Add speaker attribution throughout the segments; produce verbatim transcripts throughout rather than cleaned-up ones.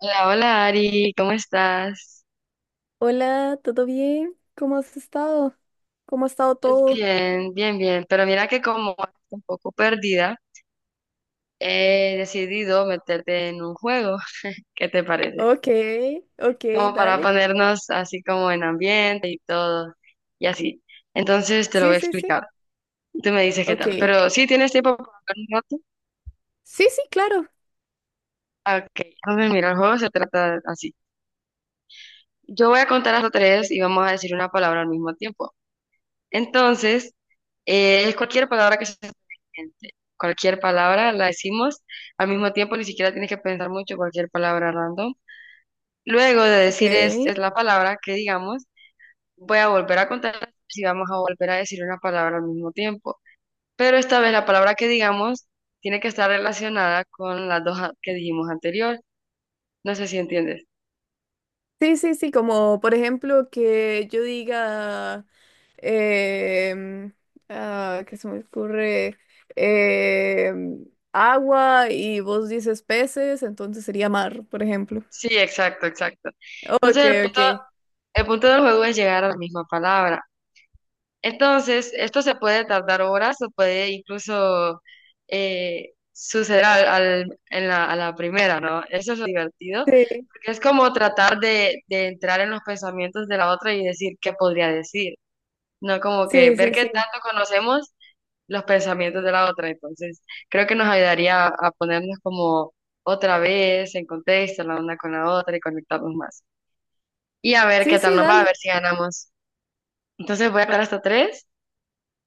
Speaker 1: Hola, hola Ari, ¿cómo estás?
Speaker 2: Hola, ¿todo bien? ¿Cómo has estado? ¿Cómo ha estado
Speaker 1: Pues
Speaker 2: todo?
Speaker 1: bien, bien, bien. Pero mira que como estoy un poco perdida, he decidido meterte en un juego. ¿Qué te parece?
Speaker 2: Ok, ok,
Speaker 1: Como para
Speaker 2: dale.
Speaker 1: ponernos así como en ambiente y todo, y así. Entonces te lo
Speaker 2: Sí,
Speaker 1: voy a
Speaker 2: sí, sí.
Speaker 1: explicar. Tú me dices qué tal.
Speaker 2: Ok.
Speaker 1: Pero sí tienes tiempo para hablar un rato.
Speaker 2: Sí, sí, claro.
Speaker 1: Ah, ok, entonces mira, el juego se trata así. Yo voy a contar hasta tres y vamos a decir una palabra al mismo tiempo. Entonces, eh, es cualquier palabra que se te venga a la mente. Cualquier palabra la decimos. Al mismo tiempo, ni siquiera tienes que pensar mucho cualquier palabra random. Luego de
Speaker 2: Ok.
Speaker 1: decir es, es la palabra que digamos, voy a volver a contar si vamos a volver a decir una palabra al mismo tiempo. Pero esta vez la palabra que digamos tiene que estar relacionada con las dos a- que dijimos anterior. No sé si entiendes.
Speaker 2: Sí, sí, sí, como por ejemplo que yo diga, em, ah, ¿qué se me ocurre? Em, agua y vos dices peces, entonces sería mar, por ejemplo.
Speaker 1: Sí, exacto, exacto. Entonces,
Speaker 2: Ok,
Speaker 1: el
Speaker 2: ok.
Speaker 1: punto, el punto del juego es llegar a la misma palabra. Entonces, esto se puede tardar horas o puede incluso eh, suceder al, al- en la, a la primera, ¿no? Eso es lo divertido,
Speaker 2: Sí,
Speaker 1: porque es como tratar de, de entrar en los pensamientos de la otra y decir qué podría decir, ¿no? Como que
Speaker 2: sí,
Speaker 1: ver
Speaker 2: sí,
Speaker 1: qué
Speaker 2: sí.
Speaker 1: tanto conocemos los pensamientos de la otra. Entonces, creo que nos ayudaría a ponernos como otra vez en contexto la una con la otra y conectarnos más. Y a ver
Speaker 2: Sí,
Speaker 1: qué tal
Speaker 2: sí,
Speaker 1: nos va, a
Speaker 2: dale.
Speaker 1: ver si ganamos. Entonces, voy a dar hasta tres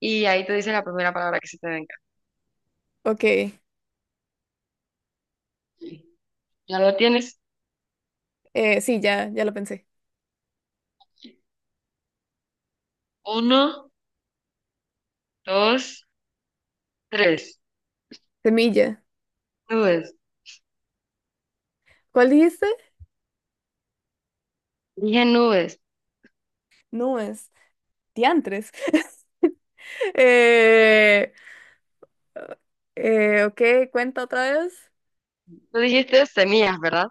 Speaker 1: y ahí te dice la primera palabra que se te venga.
Speaker 2: Ok,
Speaker 1: Ya lo tienes.
Speaker 2: eh, sí, ya, ya lo pensé.
Speaker 1: Uno, dos, tres.
Speaker 2: Semilla.
Speaker 1: Nubes.
Speaker 2: ¿Cuál dijiste?
Speaker 1: Dije nubes.
Speaker 2: No es. Diantres. Eh, eh, ok, cuenta otra vez.
Speaker 1: Tú dijiste semillas, ¿verdad?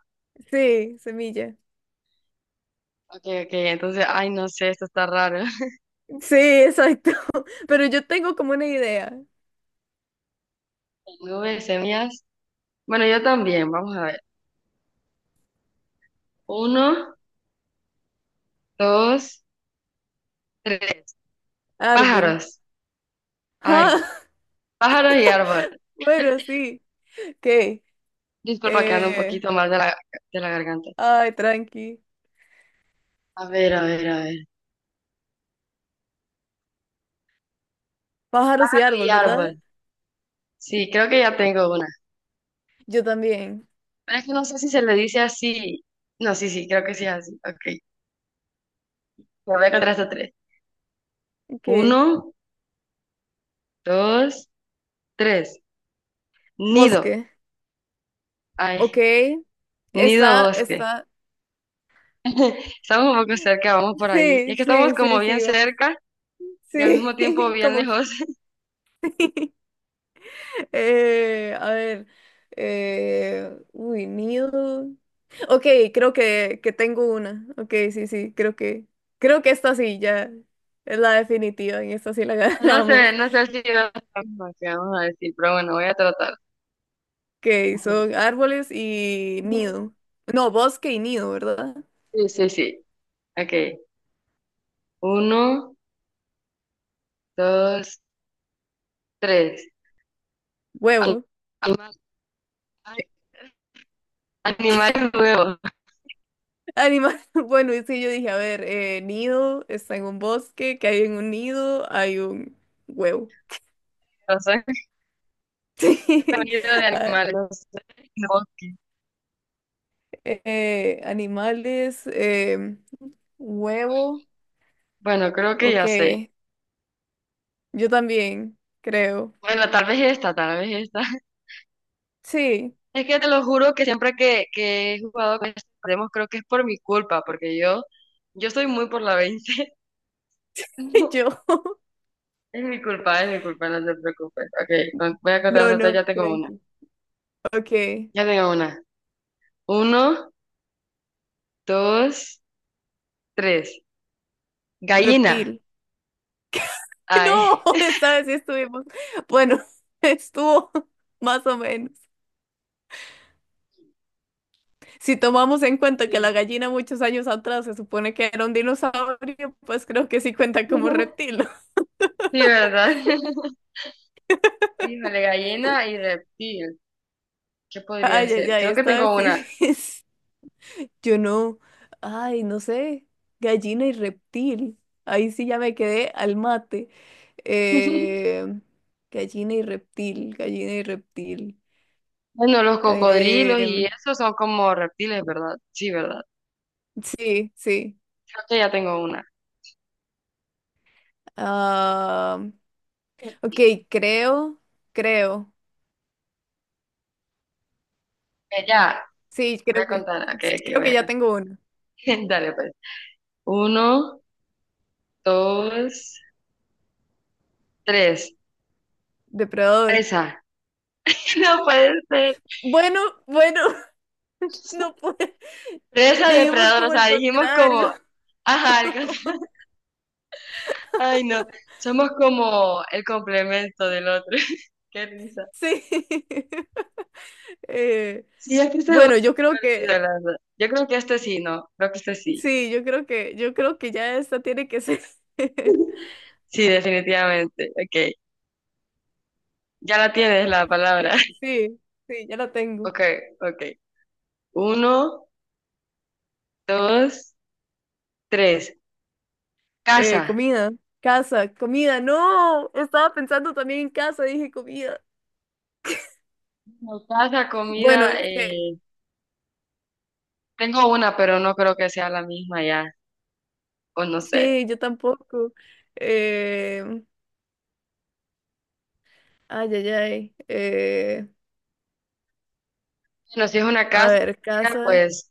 Speaker 2: Sí, semilla.
Speaker 1: Ok, ok, entonces, ay, no sé, esto está raro.
Speaker 2: Sí, exacto. Pero yo tengo como una idea.
Speaker 1: Nubes, semillas. Bueno, yo también, vamos a ver. Uno, dos, tres.
Speaker 2: Árbol.
Speaker 1: Pájaros. Ay,
Speaker 2: Ah,
Speaker 1: pájaros y árbol.
Speaker 2: bueno, sí. Ok.
Speaker 1: Disculpa que ando un
Speaker 2: Eh,
Speaker 1: poquito mal de la, de la garganta.
Speaker 2: ay, tranqui.
Speaker 1: A ver, a ver, a ver.
Speaker 2: Pájaros y
Speaker 1: Pájaro y
Speaker 2: árbol, ¿verdad?
Speaker 1: árbol. Sí, creo que ya tengo una.
Speaker 2: Yo también.
Speaker 1: Es que no sé si se le dice así. No, sí, sí, creo que sí es así. Ok. Me voy a contar hasta tres.
Speaker 2: Ok.
Speaker 1: Uno, dos, tres. Nido.
Speaker 2: Bosque. Ok.
Speaker 1: Ay, nido
Speaker 2: Está,
Speaker 1: bosque.
Speaker 2: está.
Speaker 1: Estamos un poco cerca, vamos por ahí. Es
Speaker 2: Sí,
Speaker 1: que estamos
Speaker 2: sí,
Speaker 1: como
Speaker 2: sí,
Speaker 1: bien
Speaker 2: sí, vamos.
Speaker 1: cerca y al
Speaker 2: Sí,
Speaker 1: mismo tiempo bien
Speaker 2: como que.
Speaker 1: lejos.
Speaker 2: Eh, a ver, eh, uy, nido. Ok, creo que, que tengo una. Ok, sí, sí, creo que, creo que esta sí ya es la definitiva, en esta sí la
Speaker 1: No sé,
Speaker 2: ganamos.
Speaker 1: no sé si va a ser la misma que vamos a decir, pero bueno, voy a tratar.
Speaker 2: Que son árboles y nido. No, bosque y nido, ¿verdad?
Speaker 1: Sí, sí, sí. Ok. Uno, dos, tres.
Speaker 2: Huevo.
Speaker 1: Animal, animal y huevo.
Speaker 2: Animal. Bueno, y sí, yo dije, a ver, eh, nido está en un bosque, que hay en un nido, hay un huevo. Sí.
Speaker 1: Sonido de
Speaker 2: Ah,
Speaker 1: animales. No. Ok.
Speaker 2: Eh, animales, eh, huevo.
Speaker 1: Bueno, creo que
Speaker 2: Ok,
Speaker 1: ya sé.
Speaker 2: yo también, creo.
Speaker 1: Bueno, tal vez esta, tal vez esta.
Speaker 2: Sí,
Speaker 1: Es que te lo juro que siempre que, que he jugado con estos demos, creo que es por mi culpa, porque yo, yo soy muy por la veinte. No,
Speaker 2: yo.
Speaker 1: es mi culpa, es mi culpa, no te preocupes. Ok, con- voy a contar
Speaker 2: No,
Speaker 1: hasta tres,
Speaker 2: no,
Speaker 1: ya tengo una.
Speaker 2: tranqui. Ok,
Speaker 1: Ya tengo una. Uno, dos, tres. Gallina.
Speaker 2: reptil. No,
Speaker 1: Ay.
Speaker 2: esta vez sí estuvimos. Bueno, estuvo más o menos. Si tomamos en cuenta que la
Speaker 1: Sí,
Speaker 2: gallina muchos años atrás se supone que era un dinosaurio, pues creo que sí cuenta como reptil.
Speaker 1: sí, ¿verdad? Híjole, gallina y reptil. ¿Qué podría
Speaker 2: Ay, ay,
Speaker 1: ser?
Speaker 2: ay,
Speaker 1: Creo que
Speaker 2: esta vez
Speaker 1: tengo una.
Speaker 2: sí. Yo no, ay, no sé, gallina y reptil. Ahí sí ya me quedé al mate. Eh, gallina y reptil, gallina y reptil.
Speaker 1: Bueno, los cocodrilos
Speaker 2: Eh,
Speaker 1: y eso son como reptiles, ¿verdad? Sí, ¿verdad?
Speaker 2: sí, sí.
Speaker 1: Creo que ya tengo una.
Speaker 2: Ah, ok, creo, creo.
Speaker 1: Eh, ya,
Speaker 2: Sí,
Speaker 1: voy
Speaker 2: creo
Speaker 1: a
Speaker 2: que,
Speaker 1: contar. Ok, ok,
Speaker 2: creo
Speaker 1: voy
Speaker 2: que
Speaker 1: a
Speaker 2: ya
Speaker 1: contar.
Speaker 2: tengo uno.
Speaker 1: Dale, pues. Uno, dos, tres.
Speaker 2: Depredador.
Speaker 1: Presa. No puede ser.
Speaker 2: Bueno, bueno, no puedo.
Speaker 1: Presa
Speaker 2: Dijimos
Speaker 1: depredador. O
Speaker 2: como el
Speaker 1: sea, dijimos como,
Speaker 2: contrario.
Speaker 1: ajá, el con- ay no, somos como el complemento del otro. Qué risa.
Speaker 2: Sí. Eh,
Speaker 1: Sí, es que este juego es
Speaker 2: bueno, yo creo
Speaker 1: divertido,
Speaker 2: que
Speaker 1: la verdad. Yo creo que este sí, ¿no? Creo que este sí.
Speaker 2: sí, yo creo que, yo creo que ya esta tiene que ser.
Speaker 1: Sí, definitivamente. Ok. Ya la tienes la
Speaker 2: Sí,
Speaker 1: palabra.
Speaker 2: sí, sí, ya la tengo.
Speaker 1: Ok, ok. Uno, dos, tres.
Speaker 2: Eh,
Speaker 1: Casa.
Speaker 2: comida, casa, comida, no, estaba pensando también en casa, dije comida.
Speaker 1: No, casa,
Speaker 2: Bueno,
Speaker 1: comida.
Speaker 2: es que
Speaker 1: Eh, tengo una, pero no creo que sea la misma ya. O no sé.
Speaker 2: sí, yo tampoco. Eh, ay, ay, ay. Eh,
Speaker 1: Bueno, si es una
Speaker 2: a
Speaker 1: casa,
Speaker 2: ver,
Speaker 1: comida,
Speaker 2: casa,
Speaker 1: pues,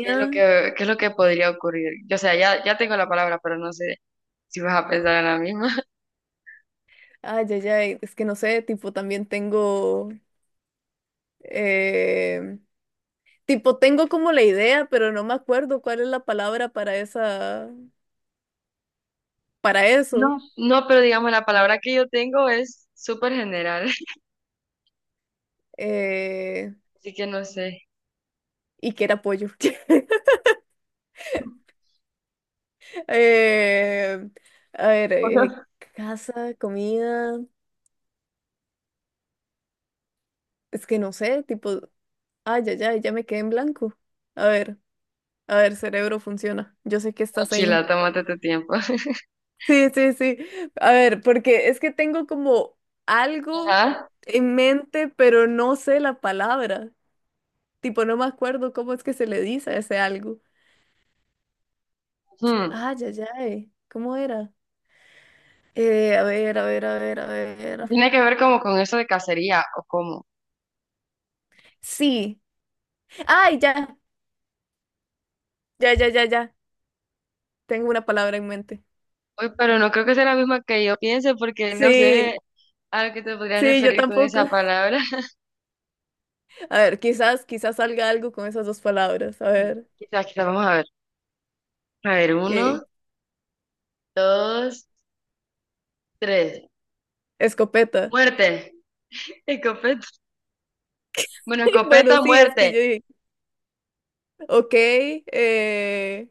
Speaker 1: ¿qué es lo que, ¿qué es lo que podría ocurrir? Yo, o sea, ya, ya tengo la palabra, pero no sé si vas a pensar en la misma.
Speaker 2: ay, ay, ay, es que no sé, tipo también tengo, eh, tipo tengo como la idea, pero no me acuerdo cuál es la palabra para esa. Para eso
Speaker 1: No, no, pero digamos, la palabra que yo tengo es súper general.
Speaker 2: eh,
Speaker 1: Así que no sé.
Speaker 2: y que era pollo. Eh, a ver, eh, casa, comida, es que no sé, tipo, ay, ya, ya, ya me quedé en blanco. A ver, a ver, cerebro funciona. Yo sé que estás
Speaker 1: Tranquila,
Speaker 2: ahí.
Speaker 1: tómate tu tiempo.
Speaker 2: Sí, sí, sí. A ver, porque es que tengo como algo
Speaker 1: Ajá.
Speaker 2: en mente, pero no sé la palabra. Tipo, no me acuerdo cómo es que se le dice a ese algo.
Speaker 1: Ujú.
Speaker 2: Ay, ya, ya, ¿cómo era? Eh, a ver, a ver, a ver, a ver.
Speaker 1: Tiene que ver como con eso de cacería o cómo.
Speaker 2: Sí. Ay, ya, ya, ya, ya, ya. Tengo una palabra en mente.
Speaker 1: Uy, pero no creo que sea la misma que yo piense porque no
Speaker 2: Sí,
Speaker 1: sé a qué te podrías
Speaker 2: sí, yo
Speaker 1: referir con
Speaker 2: tampoco.
Speaker 1: esa palabra.
Speaker 2: A ver, quizás, quizás salga algo con esas dos palabras. A ver,
Speaker 1: Quizás, quizás, vamos a ver. A ver,
Speaker 2: ¿qué?
Speaker 1: uno, dos, tres.
Speaker 2: Escopeta.
Speaker 1: Muerte. Escopeta. Bueno,
Speaker 2: Bueno,
Speaker 1: escopeta,
Speaker 2: sí, es que
Speaker 1: muerte.
Speaker 2: yo dije, ok, eh,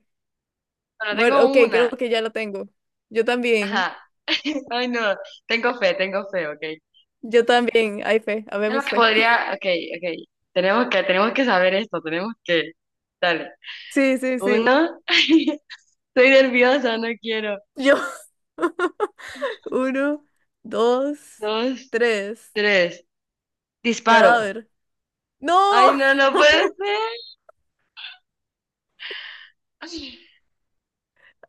Speaker 1: Bueno,
Speaker 2: bueno,
Speaker 1: tengo
Speaker 2: ok, creo
Speaker 1: una.
Speaker 2: que ya lo tengo. Yo también,
Speaker 1: Ajá. Ay, no. Tengo fe, tengo fe, ok. ¿Qué
Speaker 2: yo también, hay fe,
Speaker 1: es lo
Speaker 2: habemos
Speaker 1: que
Speaker 2: fe.
Speaker 1: podría? Ok, ok. Tenemos que, tenemos que saber esto, tenemos que. Dale.
Speaker 2: Sí, sí, sí.
Speaker 1: Uno. Estoy nerviosa, no quiero.
Speaker 2: Yo, uno, dos,
Speaker 1: Dos.
Speaker 2: tres,
Speaker 1: Tres, disparo.
Speaker 2: cadáver.
Speaker 1: Ay,
Speaker 2: ¡No!
Speaker 1: no, no puede ser. Ay,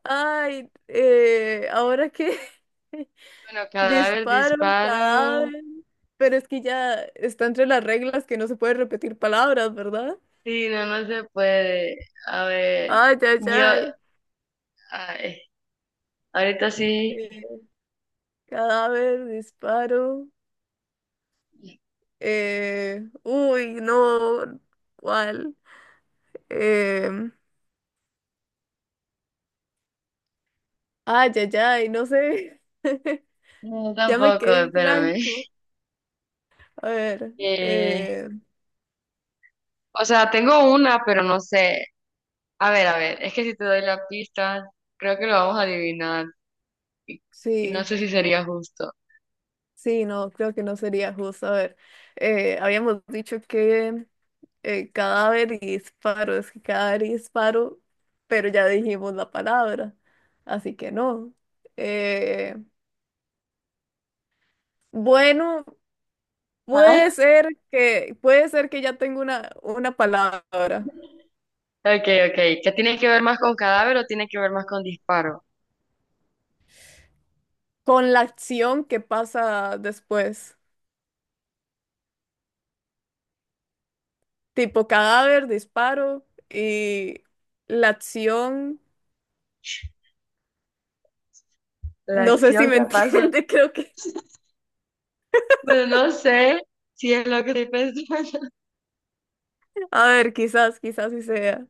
Speaker 2: Ay, eh, ahora que
Speaker 1: bueno, cadáver,
Speaker 2: disparo
Speaker 1: disparo.
Speaker 2: cadáver, pero es que ya está entre las reglas que no se puede repetir palabras, ¿verdad?
Speaker 1: Sí, no, no se puede. A ver,
Speaker 2: Ay, ay,
Speaker 1: yo,
Speaker 2: ay.
Speaker 1: ay, ahorita sí.
Speaker 2: Eh, cadáver, disparo. eh, uy, no, ¿cuál? Eh, ay, ay, ay, no sé.
Speaker 1: No,
Speaker 2: Ya me
Speaker 1: tampoco,
Speaker 2: quedé en
Speaker 1: espérame.
Speaker 2: blanco. A ver,
Speaker 1: Eh,
Speaker 2: eh,
Speaker 1: o sea, tengo una, pero no sé. A ver, a ver, es que si te doy la pista, creo que lo vamos a adivinar. Y, y no
Speaker 2: sí,
Speaker 1: sé si sería justo.
Speaker 2: sí, no, creo que no sería justo. A ver, eh, habíamos dicho que eh, cadáver y disparo, es que cadáver y disparo, pero ya dijimos la palabra, así que no. Eh, bueno, puede
Speaker 1: Ajá.
Speaker 2: ser que, puede ser que ya tengo una, una palabra
Speaker 1: Ok, ok. ¿Qué tiene que ver más con cadáver o tiene que ver más con disparo?
Speaker 2: con la acción que pasa después, tipo cadáver, disparo y la acción,
Speaker 1: La
Speaker 2: no sé si
Speaker 1: acción
Speaker 2: me
Speaker 1: que pasa.
Speaker 2: entiende, creo que,
Speaker 1: Bueno, no sé si es lo que estoy pensando,
Speaker 2: a ver, quizás, quizás sí sea,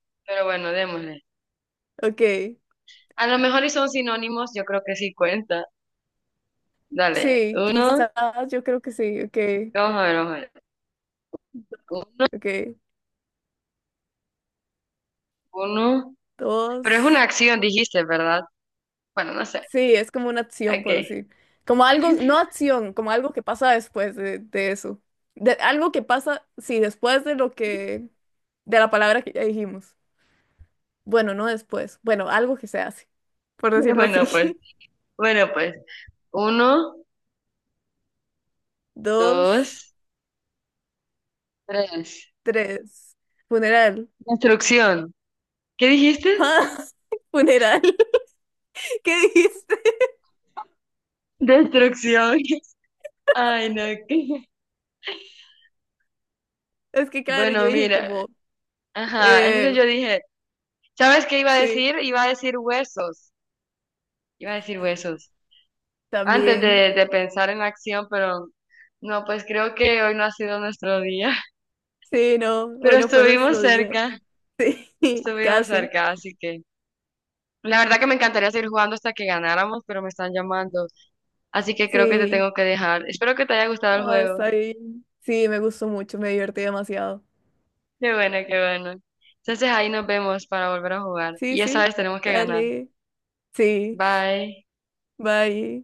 Speaker 1: pero bueno, démosle.
Speaker 2: ok.
Speaker 1: A lo mejor y son sinónimos, yo creo que sí cuenta. Dale,
Speaker 2: Sí,
Speaker 1: uno,
Speaker 2: quizás, yo creo que sí, ok,
Speaker 1: vamos a ver, vamos a ver. Un-
Speaker 2: ok.
Speaker 1: Uno, pero es una
Speaker 2: Dos.
Speaker 1: acción, dijiste, ¿verdad? Bueno, no sé.
Speaker 2: Sí, es como una acción,
Speaker 1: Ok.
Speaker 2: por decir. Como algo, no acción, como algo que pasa después de, de eso. De, algo que pasa, sí, después de lo que, de la palabra que ya dijimos. Bueno, no después. Bueno, algo que se hace, por decirlo
Speaker 1: Bueno, pues,
Speaker 2: así.
Speaker 1: bueno, pues. Uno,
Speaker 2: Dos,
Speaker 1: dos, tres.
Speaker 2: tres. Funeral.
Speaker 1: Destrucción. ¿Qué dijiste?
Speaker 2: Funeral. ¿Qué dijiste?
Speaker 1: Destrucción. Ay, no, qué.
Speaker 2: Es que claro, yo
Speaker 1: Bueno,
Speaker 2: dije
Speaker 1: mira.
Speaker 2: como,
Speaker 1: Ajá, entonces
Speaker 2: eh,
Speaker 1: yo dije, ¿sabes qué iba a
Speaker 2: sí,
Speaker 1: decir? Iba a decir huesos. Iba a decir huesos. Antes
Speaker 2: también.
Speaker 1: de, de pensar en acción, pero no, pues creo que hoy no ha sido nuestro día.
Speaker 2: Sí, no, hoy
Speaker 1: Pero
Speaker 2: no fue
Speaker 1: estuvimos
Speaker 2: nuestro día.
Speaker 1: cerca,
Speaker 2: Sí,
Speaker 1: estuvimos
Speaker 2: casi.
Speaker 1: cerca, así que la verdad que me encantaría seguir jugando hasta que ganáramos, pero me están llamando. Así que creo que te
Speaker 2: Sí,
Speaker 1: tengo que dejar. Espero que te haya gustado el
Speaker 2: ah,
Speaker 1: juego.
Speaker 2: está bien. Sí, me gustó mucho, me divertí demasiado.
Speaker 1: Qué bueno, qué bueno. Entonces ahí nos vemos para volver a jugar.
Speaker 2: Sí,
Speaker 1: Y esa
Speaker 2: sí,
Speaker 1: vez tenemos que ganar.
Speaker 2: dale. Sí,
Speaker 1: Bye.
Speaker 2: bye.